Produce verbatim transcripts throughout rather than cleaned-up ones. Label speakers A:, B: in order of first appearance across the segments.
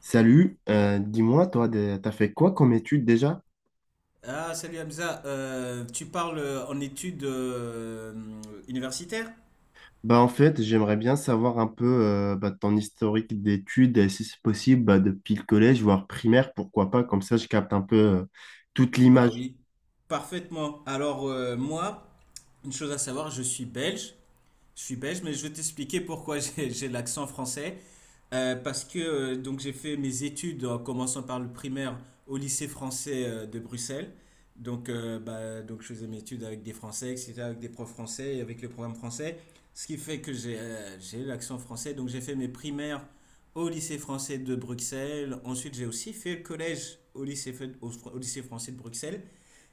A: Salut, euh, dis-moi, toi, de- t'as fait quoi comme étude déjà?
B: Ah, salut Hamza. Euh, tu parles euh, en études euh, universitaires?
A: Bah, en fait, j'aimerais bien savoir un peu euh, bah, ton historique d'études, et si c'est possible, bah, depuis le collège, voire primaire, pourquoi pas, comme ça je capte un peu euh, toute
B: Bah
A: l'image.
B: oui. Parfaitement. Alors, euh, moi, une chose à savoir, je suis belge. Je suis belge, mais je vais t'expliquer pourquoi j'ai j'ai l'accent français. Euh, parce que euh, donc j'ai fait mes études en commençant par le primaire au lycée français euh, de Bruxelles. Donc, euh, bah, donc je faisais mes études avec des Français, et cetera, avec des profs français et avec le programme français. Ce qui fait que j'ai euh, j'ai l'accent français. Donc j'ai fait mes primaires au lycée français de Bruxelles. Ensuite j'ai aussi fait le collège au lycée, fait- au, au lycée français de Bruxelles.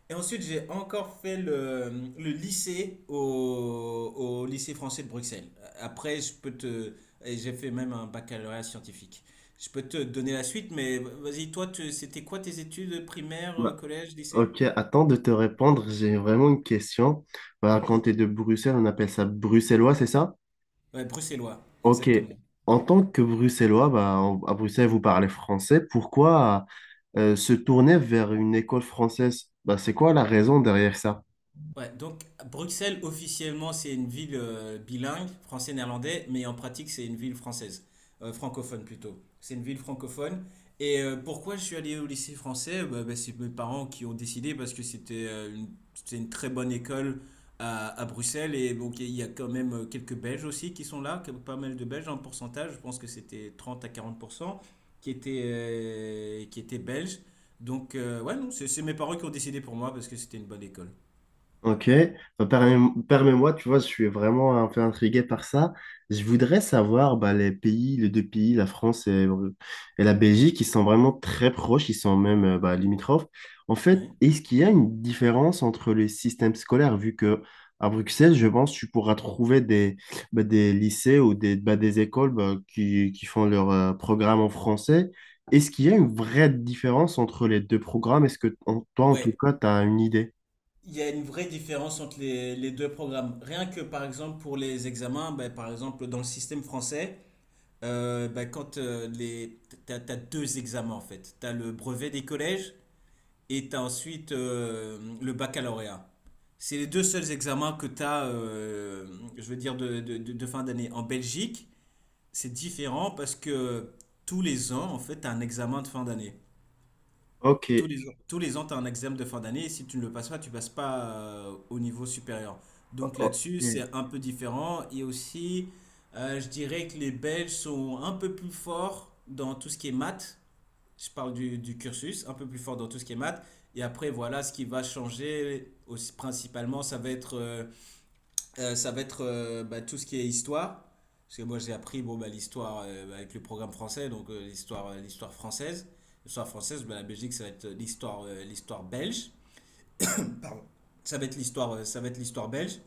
B: Et ensuite, j'ai encore fait le, le lycée au, au lycée français de Bruxelles. Après, je peux te. Et j'ai fait même un baccalauréat scientifique. Je peux te donner la suite, mais vas-y, toi, tu- c'était quoi tes études primaires, euh,
A: Bah,
B: collège, lycée?
A: ok, attends de te répondre, j'ai vraiment une question. Bah, quand
B: Vas-y.
A: tu es de Bruxelles, on appelle ça bruxellois, c'est ça?
B: Ouais, bruxellois,
A: Ok,
B: exactement.
A: en tant que bruxellois, bah, en- à Bruxelles, vous parlez français, pourquoi euh, se tourner vers une école française? Bah, c'est quoi la raison derrière ça?
B: Ouais, donc Bruxelles, officiellement, c'est une ville euh, bilingue, français-néerlandais, mais en pratique, c'est une ville française, Euh, francophone plutôt. C'est une ville francophone. Et euh, pourquoi je suis allé au lycée français? Bah, bah, c'est mes parents qui ont décidé parce que c'était euh, une, c'était une très bonne école à, à Bruxelles. Et donc, il y a quand même euh, quelques Belges aussi qui sont là, que- pas mal de Belges en pourcentage, je pense que c'était trente à quarante pour cent qui étaient, euh, qui étaient Belges. Donc, euh, ouais, non, c'est c'est mes parents qui ont décidé pour moi parce que c'était une bonne école.
A: Ok, Bah, permets- permets-moi, tu vois, je suis vraiment un peu intrigué par ça. Je voudrais savoir bah, les pays, les deux pays, la France et, et la Belgique, ils sont vraiment très proches, ils sont même euh, bah, limitrophes. En fait,
B: Ouais.
A: est-ce qu'il y a une différence entre les systèmes scolaires, vu que à Bruxelles, je pense, tu pourras trouver des, bah, des lycées ou des, bah, des écoles bah, qui, qui font leur euh, programme en français. Est-ce qu'il y a une vraie différence entre les deux programmes? Est-ce que en- toi, en tout
B: Ouais,
A: cas, tu as une idée?
B: il y a une vraie différence entre les, les deux programmes. Rien que par exemple pour les examens, ben, par exemple dans le système français, euh, ben, quand euh, les, t'as, t'as deux examens en fait. T'as le brevet des collèges et t'as ensuite euh, le baccalauréat. C'est les deux seuls examens que t'as, euh, je veux dire, de, de, de- de fin d'année. En Belgique, c'est différent parce que tous les ans, en fait, t'as un examen de fin d'année.
A: Ok.
B: Tous les ans, tous les ans, tu as un examen de fin d'année et si tu ne le passes pas, tu passes pas euh, au niveau supérieur. Donc
A: Oh,
B: là-dessus,
A: mm.
B: c'est un peu différent. Et aussi, euh, je dirais que les Belges sont un peu plus forts dans tout ce qui est maths. Je parle du, du cursus, un peu plus fort dans tout ce qui est maths. Et après, voilà, ce qui va changer aussi, principalement, ça va être euh, euh, ça va être euh, bah, tout ce qui est histoire. Parce que moi, j'ai appris bon, bah, l'histoire euh, avec le programme français, donc euh, l'histoire euh, l'histoire française. L'histoire française, bah, la Belgique, ça va être euh, l'histoire euh, l'histoire belge. Ça va être l'histoire euh, ça va être l'histoire belge.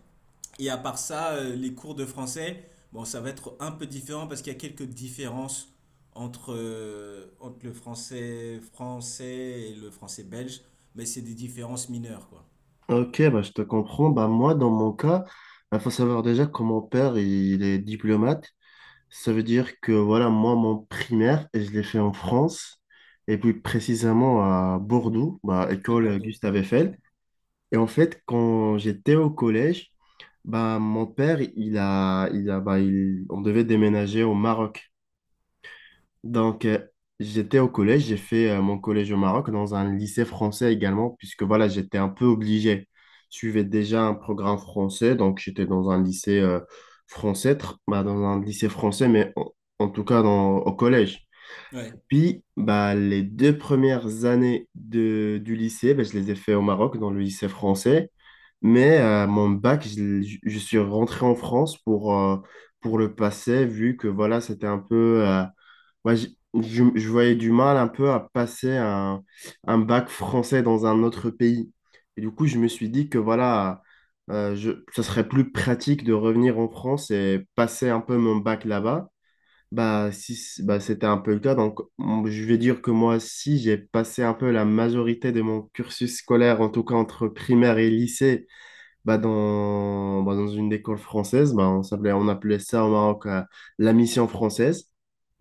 B: Et à part ça, euh, les cours de français, bon, ça va être un peu différent parce qu'il y a quelques différences entre, euh, entre le français français et le français belge, mais c'est des différences mineures, quoi.
A: Ok, bah, je te comprends. Bah, moi, dans mon cas, il faut savoir déjà que mon père, il est diplomate. Ça veut dire que voilà, moi, mon primaire, et je l'ai fait en France, et plus précisément à Bordeaux, bah,
B: À
A: école
B: Bordeaux.
A: Gustave
B: D'accord.
A: Eiffel. Et en fait, quand j'étais au collège, bah, mon père, il a, il a, bah, il- on devait déménager au Maroc. Donc, euh, j'étais au collège, j'ai fait euh, mon collège au Maroc dans un lycée français également, puisque voilà, j'étais un peu obligé. Je suivais déjà un programme français, donc j'étais dans un lycée euh, français, tr- bah, dans un lycée français, mais en, en tout cas dans, au collège.
B: Ouais,
A: Puis, bah, les deux premières années de, du lycée, bah, je les ai fait au Maroc, dans le lycée français. Mais euh, mon bac, je, l'ai- je- je suis rentré en France pour, euh, pour le passer, vu que voilà, c'était un peu... euh, moi, je, je- je voyais du mal un peu à passer un, un bac français dans un autre pays. Et du coup, je me suis dit que voilà, euh, je, ça serait plus pratique de revenir en France et passer un peu mon bac là-bas. Bah, si, c- bah, c'était un peu le cas. Donc, m- je vais dire que moi aussi, j'ai passé un peu la majorité de mon cursus scolaire, en tout cas entre primaire et lycée, bah, dans, bah, dans une école française. Bah, on s'appelait, on appelait ça au Maroc euh, la mission française.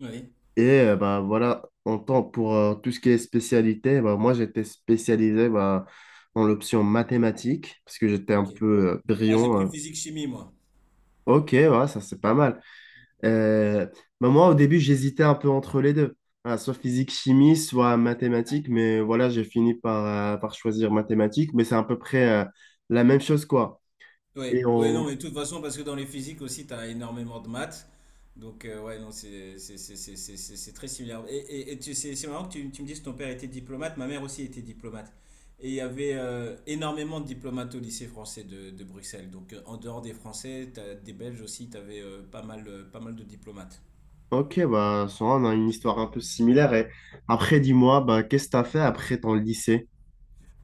B: ouais,
A: Et euh, bah, voilà, en tant pour euh, tout ce qui est spécialité, bah, moi j'étais spécialisé bah, dans l'option mathématiques, parce que j'étais un
B: ok.
A: peu euh,
B: Ah, j'ai
A: brillant.
B: pris
A: euh.
B: physique-chimie, moi.
A: Ok, ouais, ça c'est pas mal. Euh, bah moi, au début, j'hésitais un peu entre les deux, voilà, soit physique, chimie, soit mathématiques, mais voilà, j'ai fini par, euh, par choisir mathématiques, mais c'est à peu près euh, la même chose, quoi.
B: Ouais,
A: Et
B: ouais, non,
A: on...
B: mais de toute façon, parce que dans les physiques aussi, tu as énormément de maths. Donc, euh, ouais, non, c'est c'est- c'est- c'est- c'est- c'est- c'est très similaire. Et, et, et tu- c'est c'est marrant que tu, tu me dises que ton père était diplomate, ma mère aussi était diplomate. Et il y avait euh, énormément de diplomates au lycée français de, de Bruxelles. Donc, euh, en dehors des Français, t'as des Belges aussi, tu avais pas mal, euh, pas mal de diplomates.
A: Ok, bah, ça, on a une histoire un peu similaire. Et après, dis-moi, bah, qu'est-ce que tu as fait après ton lycée?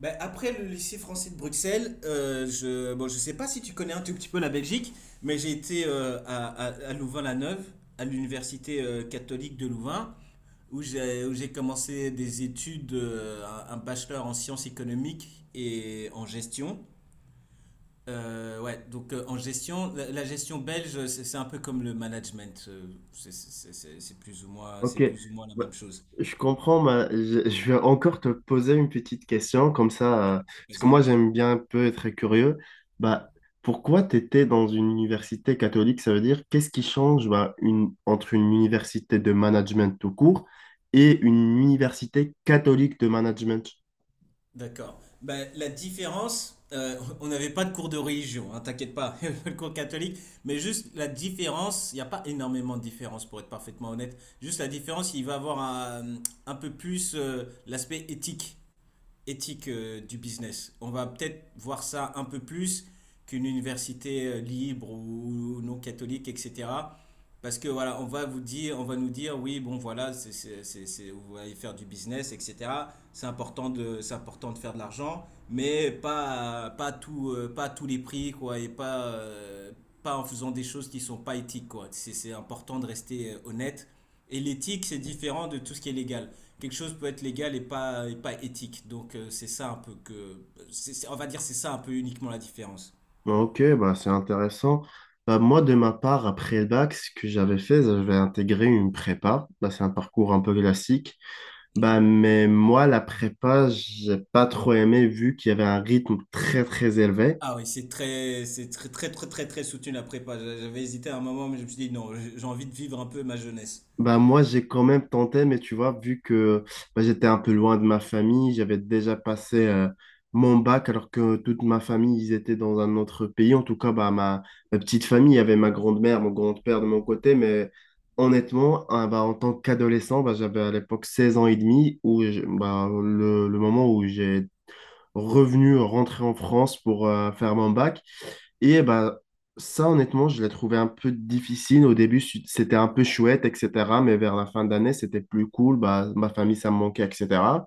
B: Ben, après le lycée français de Bruxelles, euh, je, bon, je sais pas si tu connais un tout petit peu la Belgique, mais j'ai été euh, à, à, à Louvain-la-Neuve, à l'université euh, catholique de Louvain, où j'ai où j'ai commencé des études, euh, un un bachelor en sciences économiques et en gestion. Euh, ouais, donc euh, en gestion, la, la gestion belge, c'est c'est un peu comme le management, euh, c'est c'est- c'est- c'est plus ou moins, c'est
A: Ok,
B: plus ou moins la
A: bah,
B: même chose.
A: je comprends, mais je, je vais encore te poser une petite question, comme
B: Ouais,
A: ça, euh, parce que
B: vas-y.
A: moi j'aime bien un peu être curieux. Bah, pourquoi tu étais dans une université catholique? Ça veut dire qu'est-ce qui change bah, une, entre une université de management tout court et une université catholique de management?
B: D'accord. Ben, la différence, euh, on n'avait pas de cours de religion, hein, t'inquiète pas, il y avait pas le cours catholique, mais juste la différence, il n'y a pas énormément de différence pour être parfaitement honnête. Juste la différence, il va avoir un, un peu plus euh, l'aspect éthique. Éthique euh, du business. On va peut-être voir ça un peu plus qu'une université euh, libre ou ou non catholique, et cetera. Parce que voilà, on va vous dire, on va nous dire, oui, bon voilà, c'est, c'est, c'est, c'est- vous allez faire du business, et cetera. C'est important de, c'est important de faire de l'argent, mais pas, pas tout, euh, pas à tous les prix, quoi, et pas, euh, pas en faisant des choses qui sont pas éthiques, quoi. C'est, c'est important de rester euh, honnête. Et l'éthique, c'est différent de tout ce qui est légal, quelque chose peut être légal et pas, et pas éthique. Donc euh, c'est ça un peu que, c'est- c'est- on va dire c'est ça un peu uniquement la différence.
A: Bah, ok, bah, c'est intéressant. Bah, moi, de ma part, après le bac, ce que j'avais fait, j'avais intégré une prépa. Bah, c'est un parcours un peu classique.
B: Ouais.
A: Bah, mais moi, la prépa, j'ai pas trop aimé vu qu'il y avait un rythme très très élevé.
B: Ah oui, c'est très, c'est très, très, très, très, très soutenu la prépa. J'a- J'avais hésité à un moment, mais je me suis dit non, j'ai j'ai envie de vivre un peu ma jeunesse.
A: Bah, moi, j'ai quand même tenté, mais tu vois, vu que bah, j'étais un peu loin de ma famille, j'avais déjà passé euh, mon bac alors que toute ma famille, ils étaient dans un autre pays. En tout cas, bah, ma, ma petite famille, il y avait ma grand-mère, mon grand-père de mon côté, mais honnêtement, hein, bah, en tant qu'adolescent, bah, j'avais à l'époque seize ans et demi, où je- bah, le, le moment où j'ai revenu, rentré en France pour euh, faire mon bac. Et bah, ça, honnêtement, je l'ai trouvé un peu difficile. Au début, su- c'était un peu chouette, et cetera. Mais vers la fin d'année, c'était plus cool. Bah, ma famille, ça me manquait, et cetera.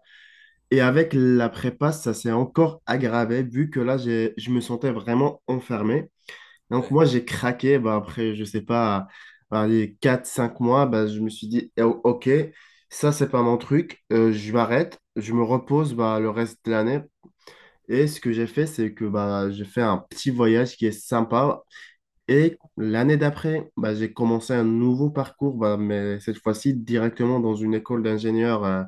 A: Et avec la prépa, ça s'est encore aggravé, vu que là, j'ai, je me sentais vraiment enfermé. Donc,
B: Ouais,
A: moi, j'ai craqué. Bah, après, je sais pas, bah, les quatre cinq mois, bah, je me suis dit, eh, ok, ça, c'est pas mon truc. Euh, je m'arrête. Je me repose bah, le reste de l'année. Et ce que j'ai fait, c'est que bah, j'ai fait un petit voyage qui est sympa et l'année d'après, bah, j'ai commencé un nouveau parcours, bah, mais cette fois-ci directement dans une école d'ingénieurs euh,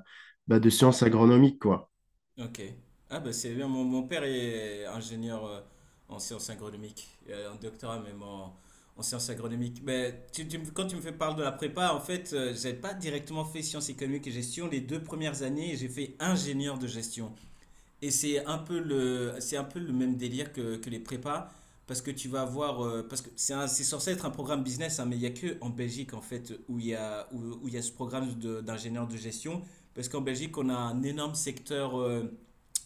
A: bah, de sciences
B: d'accord.
A: agronomiques, quoi.
B: Ok. Ah bah c'est bien, mon, mon père est ingénieur euh, en sciences agronomiques, euh, en doctorat même en, en sciences agronomiques. Mais tu, tu me- quand tu me fais parler de la prépa, en fait, euh, j'ai pas directement fait sciences économiques et gestion les deux premières années, et j'ai fait ingénieur de gestion. Et c'est un peu le, c'est un peu le même délire que, que les prépas, parce que tu vas avoir, euh, parce que c'est un- c'est censé être un programme business, hein, mais il n'y a que en Belgique en fait où il y a, où, où il y a ce programme de- d'ingénieur de gestion, parce qu'en Belgique on a un énorme secteur euh,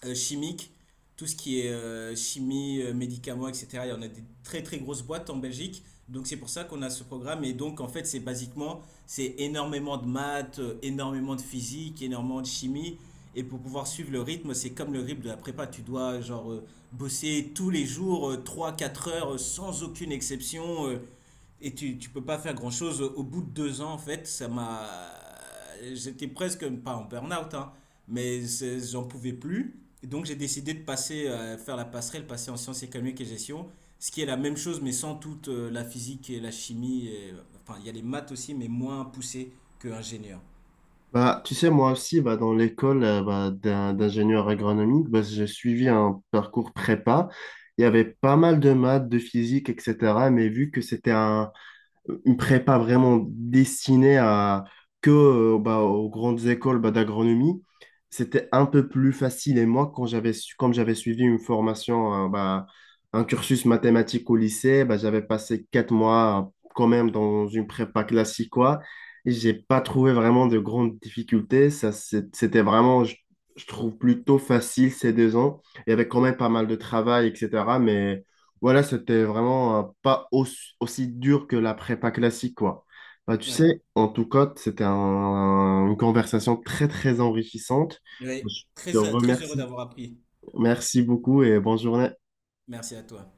B: euh, chimique, tout ce qui est euh, chimie, euh, médicaments, et cetera. Il y en a des très très grosses boîtes en Belgique. Donc c'est pour ça qu'on a ce programme. Et donc en fait c'est basiquement, c'est énormément de maths, euh, énormément de physique, énormément de chimie. Et pour pouvoir suivre le rythme, c'est comme le rythme de la prépa. Tu dois genre euh, bosser tous les jours euh, trois quatre heures euh, sans aucune exception. Euh, et tu, tu peux pas faire grand-chose. Au bout de deux ans, en fait, ça m'a. J'étais presque, pas en burn-out, hein, mais c'est- j'en pouvais plus. Et donc j'ai décidé de passer, euh, faire la passerelle, passer en sciences économiques et gestion, ce qui est la même chose, mais sans toute euh, la physique et la chimie. Et- enfin, il y a les maths aussi, mais moins poussées que ingénieur.
A: Bah, tu sais, moi aussi, bah, dans l'école euh, bah, d'un- d'ingénieur agronomique, bah, j'ai suivi un parcours prépa. Il y avait pas mal de maths, de physique, et cetera. Mais vu que c'était un, une prépa vraiment destinée à, que euh, bah, aux grandes écoles bah, d'agronomie, c'était un peu plus facile. Et moi, quand j'avais, su- comme j'avais suivi une formation, euh, bah, un cursus mathématique au lycée, bah, j'avais passé quatre mois euh, quand même dans une prépa classique, quoi. Et j'ai pas trouvé vraiment de grandes difficultés. Ça, c'est- c'était vraiment, je, je trouve, plutôt facile ces deux ans. Il y avait quand même pas mal de travail, et cetera. Mais voilà, c'était vraiment euh, pas aussi, aussi dur que la prépa classique, quoi. Bah, tu
B: Ouais.
A: sais, en tout cas, c'était un- une conversation très, très enrichissante.
B: Ouais.
A: Je te
B: Très, très heureux
A: remercie.
B: d'avoir appris.
A: Merci beaucoup et bonne journée.
B: Merci à toi.